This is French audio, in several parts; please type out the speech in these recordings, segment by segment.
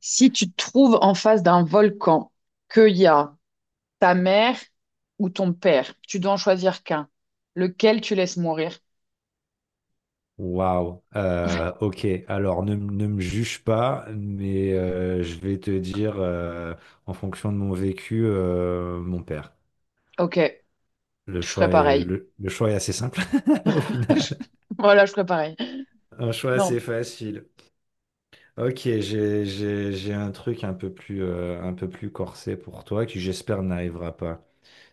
Si tu te trouves en face d'un volcan, qu'il y a ta mère ou ton père, tu dois en choisir qu'un. Lequel tu laisses mourir? Waouh. Ok. Alors, ne me juge pas, mais je vais te dire, en fonction de mon vécu, mon père. Ok, Le je ferais choix est, pareil. le, le choix est assez simple, au Je- final. Voilà, je ferais pareil. Un choix assez Non. facile. Ok, j'ai un truc un peu plus corsé pour toi qui, j'espère, n'arrivera pas.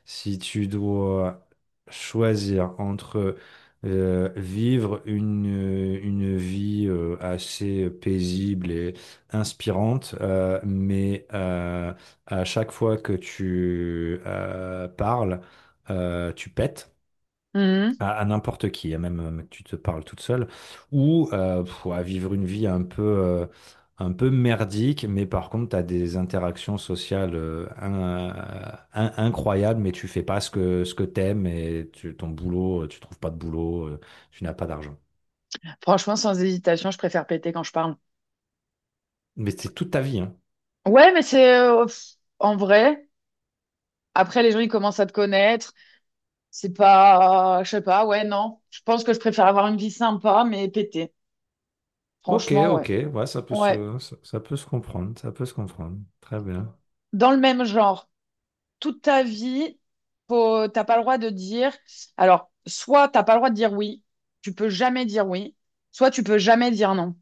Si tu dois choisir entre vivre une vie assez paisible et inspirante, mais à chaque fois que tu parles, tu pètes Mhm. à n'importe qui, à même que tu te parles toute seule, ou à vivre une vie un peu merdique, mais par contre, tu as des interactions sociales incroyables, mais tu fais pas ce que t'aimes et ton boulot, tu trouves pas de boulot, tu n'as pas d'argent. Franchement, sans hésitation, je préfère péter quand je parle. Mais c'est toute ta vie, hein. Ouais, mais c'est pff, en vrai. Après, les gens, ils commencent à te connaître. C'est pas, je sais pas, ouais, non. Je pense que je préfère avoir une vie sympa, mais péter. Ok, Franchement, ouais. ok, ouais, ça peut Ouais. se, ça, ça peut se comprendre, ça peut se comprendre. Très bien. Dans le même genre. Toute ta vie, faut, t'as pas le droit de dire. Alors, soit t'as pas le droit de dire oui, tu peux jamais dire oui, soit tu peux jamais dire non.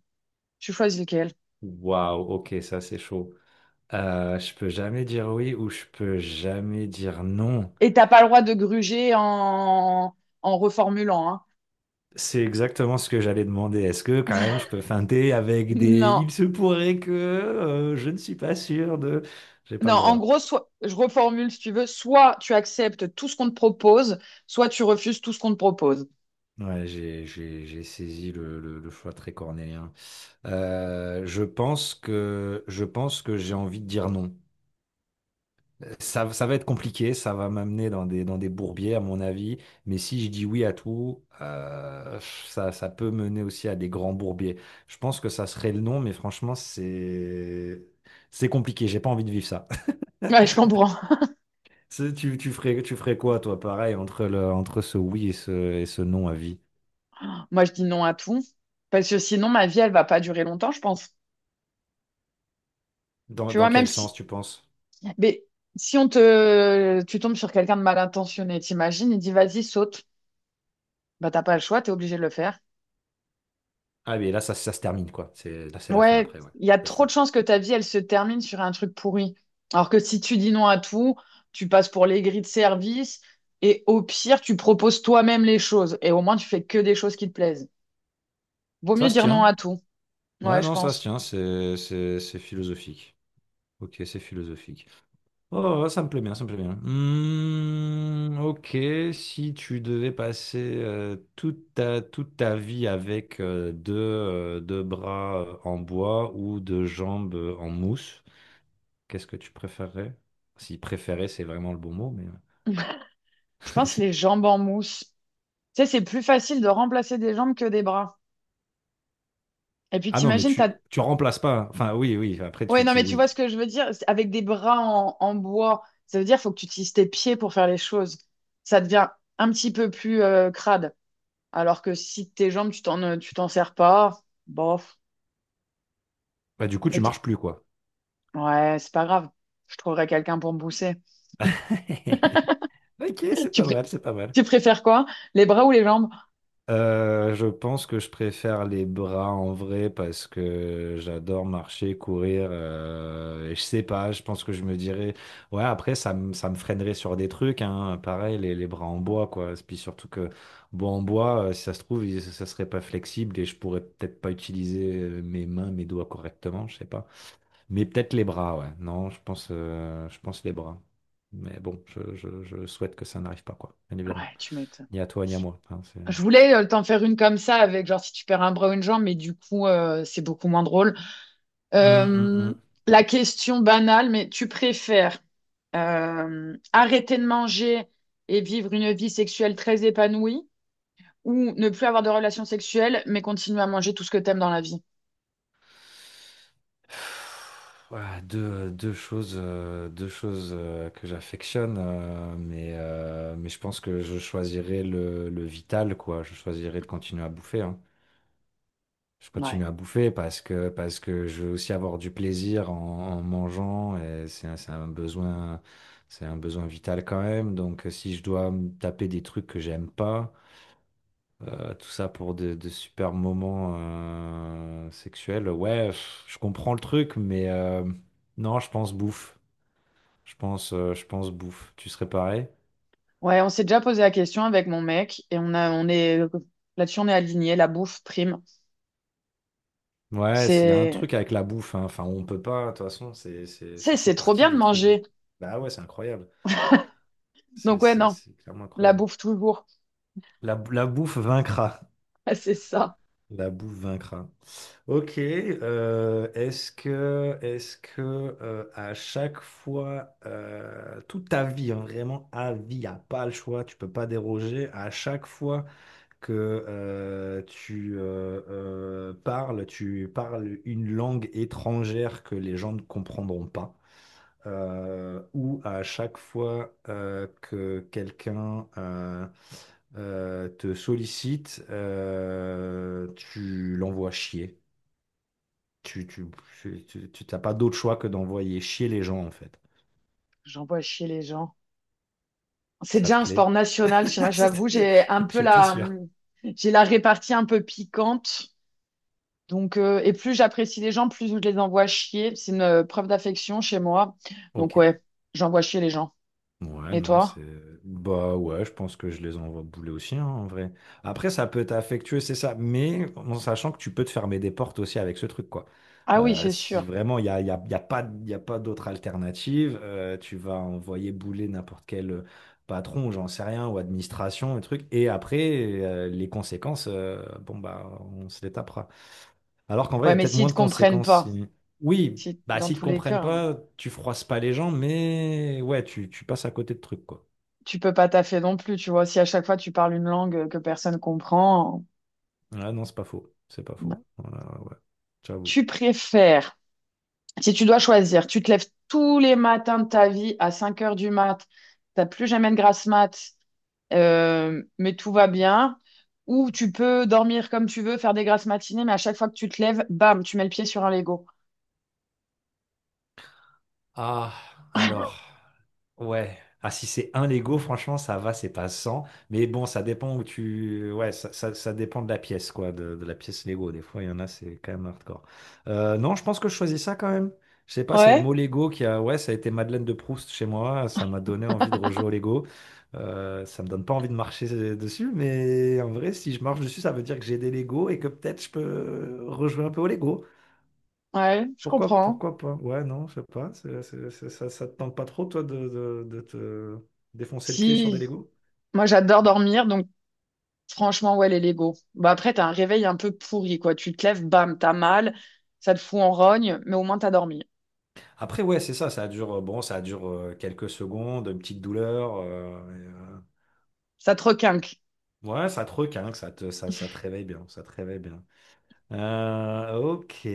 Tu choisis lequel. Waouh, ok, ça c'est chaud. Je peux jamais dire oui ou je peux jamais dire non. Et t'as pas le droit de gruger en, en reformulant, hein. C'est exactement ce que j'allais demander. Est-ce que quand même je peux feinter avec des Non, il se pourrait que je ne suis pas sûr de. J'ai pas non. le En droit. gros, soit je reformule si tu veux. Soit tu acceptes tout ce qu'on te propose, soit tu refuses tout ce qu'on te propose. Ouais, j'ai saisi le choix très cornélien. Je pense que j'ai envie de dire non. Ça va être compliqué, ça va m'amener dans des bourbiers, à mon avis. Mais si je dis oui à tout, ça, ça peut mener aussi à des grands bourbiers. Je pense que ça serait le non, mais franchement, c'est compliqué. J'ai pas envie de vivre ça. Ouais, je comprends. Tu ferais quoi, toi, pareil, entre entre ce oui et ce non à vie? Moi, je dis non à tout parce que sinon, ma vie, elle va pas durer longtemps, je pense. Dans, Tu vois, dans même quel sens, si... tu penses? Mais si on te, tu tombes sur quelqu'un de mal intentionné, t'imagines, il dit vas-y, saute. Bah, t'as pas le choix, t'es obligé de le faire. Ah, mais là, ça se termine, quoi. C'est, là, c'est la fin Ouais, après, ouais. il y a C'est trop de ça. chances que ta vie, elle se termine sur un truc pourri. Alors que si tu dis non à tout, tu passes pour l'aigri de service et au pire, tu proposes toi-même les choses et au moins, tu fais que des choses qui te plaisent. Vaut mieux Ça se dire non à tient. tout. Ouais, Ouais, je non, ça se pense. tient. C'est philosophique. Ok, c'est philosophique. Oh, oh, oh, ça me plaît bien, ça me plaît bien. Hmm, ok, si tu devais passer toute ta vie avec deux bras en bois ou deux jambes en mousse, qu'est-ce que tu préférerais? Si préférer, c'est vraiment le bon mot, mais... Je pense les jambes en mousse. Tu sais, c'est plus facile de remplacer des jambes que des bras. Et puis Ah non, mais t'imagines, tu, t'as... tu remplaces pas, hein. Enfin, oui, oui, après, Ouais, non, mais tu oui. vois ce que je veux dire? C'est avec des bras en, en bois, ça veut dire faut que tu utilises tes pieds pour faire les choses. Ça devient un petit peu plus crade. Alors que si tes jambes, tu t'en sers pas, bof. Bah, du coup, tu Mais t- marches plus, quoi. ouais, c'est pas grave. Je trouverai quelqu'un pour me pousser. Ok, c'est Tu, pas pré- mal, c'est pas mal. tu préfères quoi? Les bras ou les jambes? Je pense que je préfère les bras en vrai parce que j'adore marcher, courir. Et je sais pas, je pense que je me dirais. Ouais, après, ça me freinerait sur des trucs, hein. Pareil, les bras en bois, quoi. Puis surtout que, bois en bois, si ça se trouve, ça serait pas flexible et je pourrais peut-être pas utiliser mes mains, mes doigts correctement, je sais pas. Mais peut-être les bras, ouais. Non, je pense les bras. Mais bon, je souhaite que ça n'arrive pas, quoi. Bien évidemment. Ouais, tu m'étonnes. Ni à toi, ni à moi, hein, c'est... Je voulais t'en faire une comme ça, avec genre si tu perds un bras ou une jambe, mais du coup, c'est beaucoup moins drôle. Euh, hum. la question banale, mais tu préfères arrêter de manger et vivre une vie sexuelle très épanouie, ou ne plus avoir de relations sexuelles, mais continuer à manger tout ce que t'aimes dans la vie. Voilà, deux choses que j'affectionne, mais je pense que je choisirais le vital, quoi. Je choisirais de continuer à bouffer, hein. Je Ouais. continue à bouffer parce que je veux aussi avoir du plaisir en mangeant et c'est un besoin vital quand même. Donc, si je dois me taper des trucs que j'aime pas, tout ça pour de super moments sexuels. Ouais, je comprends le truc, mais non, je pense bouffe. Je pense bouffe. Tu serais pareil? Ouais, on s'est déjà posé la question avec mon mec et on est, là-dessus, on est aligné, la bouffe prime. Ouais, s'il y a un C'est, truc avec la bouffe, hein. Enfin, on peut pas, de toute façon, c'est, ça fait c'est trop partie bien de des trucs. manger. Bah ouais, c'est incroyable. Donc C'est, ouais, c'est, non, c'est clairement la incroyable. bouffe toujours. La bouffe vaincra. C'est ça. La bouffe vaincra. Ok. Est-ce que à chaque fois, toute ta vie, hein, vraiment à vie, y a pas le choix, tu peux pas déroger. À chaque fois que tu parles, tu parles une langue étrangère que les gens ne comprendront pas où à chaque fois que quelqu'un te sollicite, tu l'envoies chier. Tu, tu, t'as pas d'autre choix que d'envoyer chier les gens, en fait. J'envoie chier les gens. C'est Ça te déjà un sport plaît? national chez moi, j'avoue, C'était- j'ai un peu J'étais la, sûr. j'ai la répartie un peu piquante. Donc, et plus j'apprécie les gens, plus je les envoie chier. C'est une preuve d'affection chez moi. Donc, Ok. ouais, j'envoie chier les gens. Ouais, Et non, c'est... toi? Bah ouais, je pense que je les envoie bouler aussi, hein, en vrai. Après, ça peut être affectueux, c'est ça, mais en sachant que tu peux te fermer des portes aussi avec ce truc, quoi. Ah oui, c'est Si sûr. vraiment il n'y a, y a, y a pas d'autre alternative, tu vas envoyer bouler n'importe quel patron, j'en sais rien, ou administration, un truc, et après, les conséquences, bon, bah, on se les tapera. Alors qu'en vrai, il y Ouais, a mais peut-être s'ils moins te de comprennent conséquences pas, si... Oui, si bah dans s'ils te tous les comprennent cas, pas, tu froisses pas les gens, mais ouais, tu passes à côté de trucs, quoi. tu peux pas taffer non plus, tu vois. Si à chaque fois tu parles une langue que personne comprend, Ah non, c'est pas faux. C'est pas bah, faux. Voilà, ouais. J'avoue. tu préfères, si tu dois choisir, tu te lèves tous les matins de ta vie à 5 heures du mat, t'as plus jamais de grasse mat. Mais tout va bien. Ou tu peux dormir comme tu veux, faire des grasses matinées, mais à chaque fois que tu te lèves, bam, tu mets le pied sur un Lego. Ah, alors. Ouais. Ah, si c'est un Lego, franchement, ça va, c'est pas 100. Mais bon, ça dépend où tu. Ouais, ça dépend de la pièce, quoi, de la pièce Lego. Des fois, il y en a, c'est quand même hardcore. Non, je pense que je choisis ça quand même. Je sais pas, c'est le Ouais. mot Lego qui a. Ouais, ça a été Madeleine de Proust chez moi. Ça m'a donné envie de rejouer au Lego. Ça me donne pas envie de marcher dessus, mais en vrai, si je marche dessus, ça veut dire que j'ai des Lego et que peut-être je peux rejouer un peu au Lego. Ouais, je Pourquoi, comprends. pourquoi pas? Ouais, non, je sais pas. Ça, ça te tente pas trop, toi, de, de te défoncer le pied sur des Si, Legos? moi j'adore dormir, donc franchement, ouais, les Lego. Bah après, t'as un réveil un peu pourri, quoi. Tu te lèves, bam, t'as mal, ça te fout en rogne, mais au moins t'as dormi. Après, ouais, c'est ça, bon, ça dure quelques secondes, une petite douleur. Et, Ça te requinque. ouais, ça te requinque, ça te réveille bien, ça te réveille bien. Ok,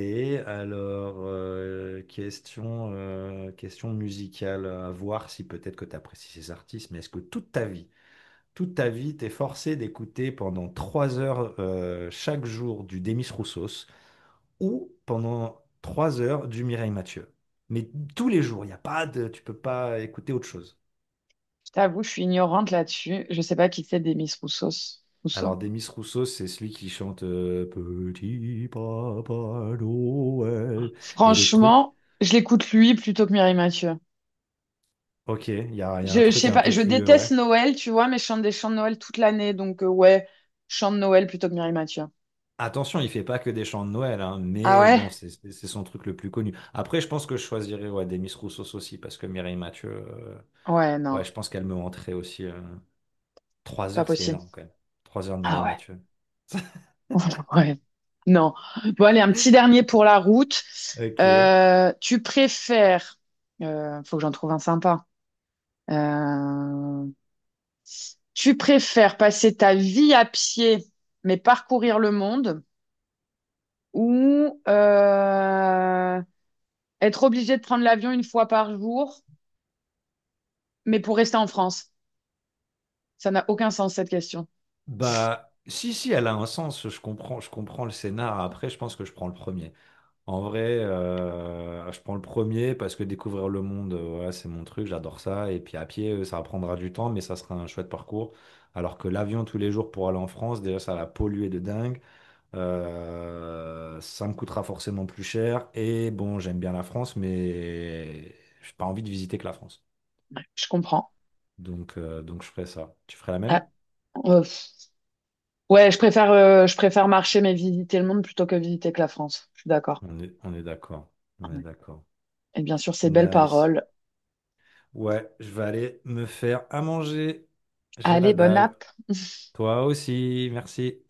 alors, question musicale, à voir si peut-être que tu apprécies ces artistes, mais est-ce que toute ta vie, t'es forcé d'écouter pendant 3 heures chaque jour du Demis Roussos ou pendant 3 heures du Mireille Mathieu. Mais tous les jours, il y a pas de, tu peux pas écouter autre chose. Je t'avoue, je suis ignorante là-dessus. Je sais pas qui c'est des Miss Roussos. Alors Rousseau. Demis Roussos, c'est celui qui chante Petit Papa Noël et d'autres trucs. Franchement, je l'écoute lui plutôt que Mireille Mathieu. Ok, il y a un Je truc sais un pas, peu je plus, déteste ouais. Noël, tu vois, mais je chante des chants de Noël toute l'année, donc ouais, chant de Noël plutôt que Mireille Mathieu. Attention, il fait pas que des chants de Noël, hein, Ah mais ouais? bon, c'est son truc le plus connu. Après, je pense que je choisirais ouais, Demis Roussos aussi, parce que Mireille Mathieu. Ouais, Ouais, non, je pense qu'elle me rentrait aussi. Trois pas heures, c'est possible. énorme quand même. 3 heures de Ah Mireille ouais. Mathieu. Ouais. Non. Bon, allez, un petit dernier pour la route. Ok. Tu préfères, faut que j'en trouve un sympa. Euh, tu préfères passer ta vie à pied, mais parcourir le monde, ou être obligé de prendre l'avion 1 fois par jour, mais pour rester en France? Ça n'a aucun sens cette question. Bah, si, si, elle a un sens. Je comprends le scénar. Après, je pense que je prends le premier. En vrai, je prends le premier parce que découvrir le monde, voilà, c'est mon truc. J'adore ça. Et puis à pied, ça prendra du temps, mais ça sera un chouette parcours. Alors que l'avion tous les jours pour aller en France, déjà, ça va polluer de dingue. Ça me coûtera forcément plus cher. Et bon, j'aime bien la France, mais j'ai pas envie de visiter que la France. Ouais, je comprends. Donc je ferai ça. Tu ferais la même? Ah, euh, ouais, je préfère marcher mais visiter le monde plutôt que visiter que la France. Je suis d'accord. On est d'accord. On est Ouais. d'accord. Et bien sûr, ces belles Nice. paroles. Ouais, je vais aller me faire à manger. J'ai la Allez, bonne dalle. app. Toi aussi, merci.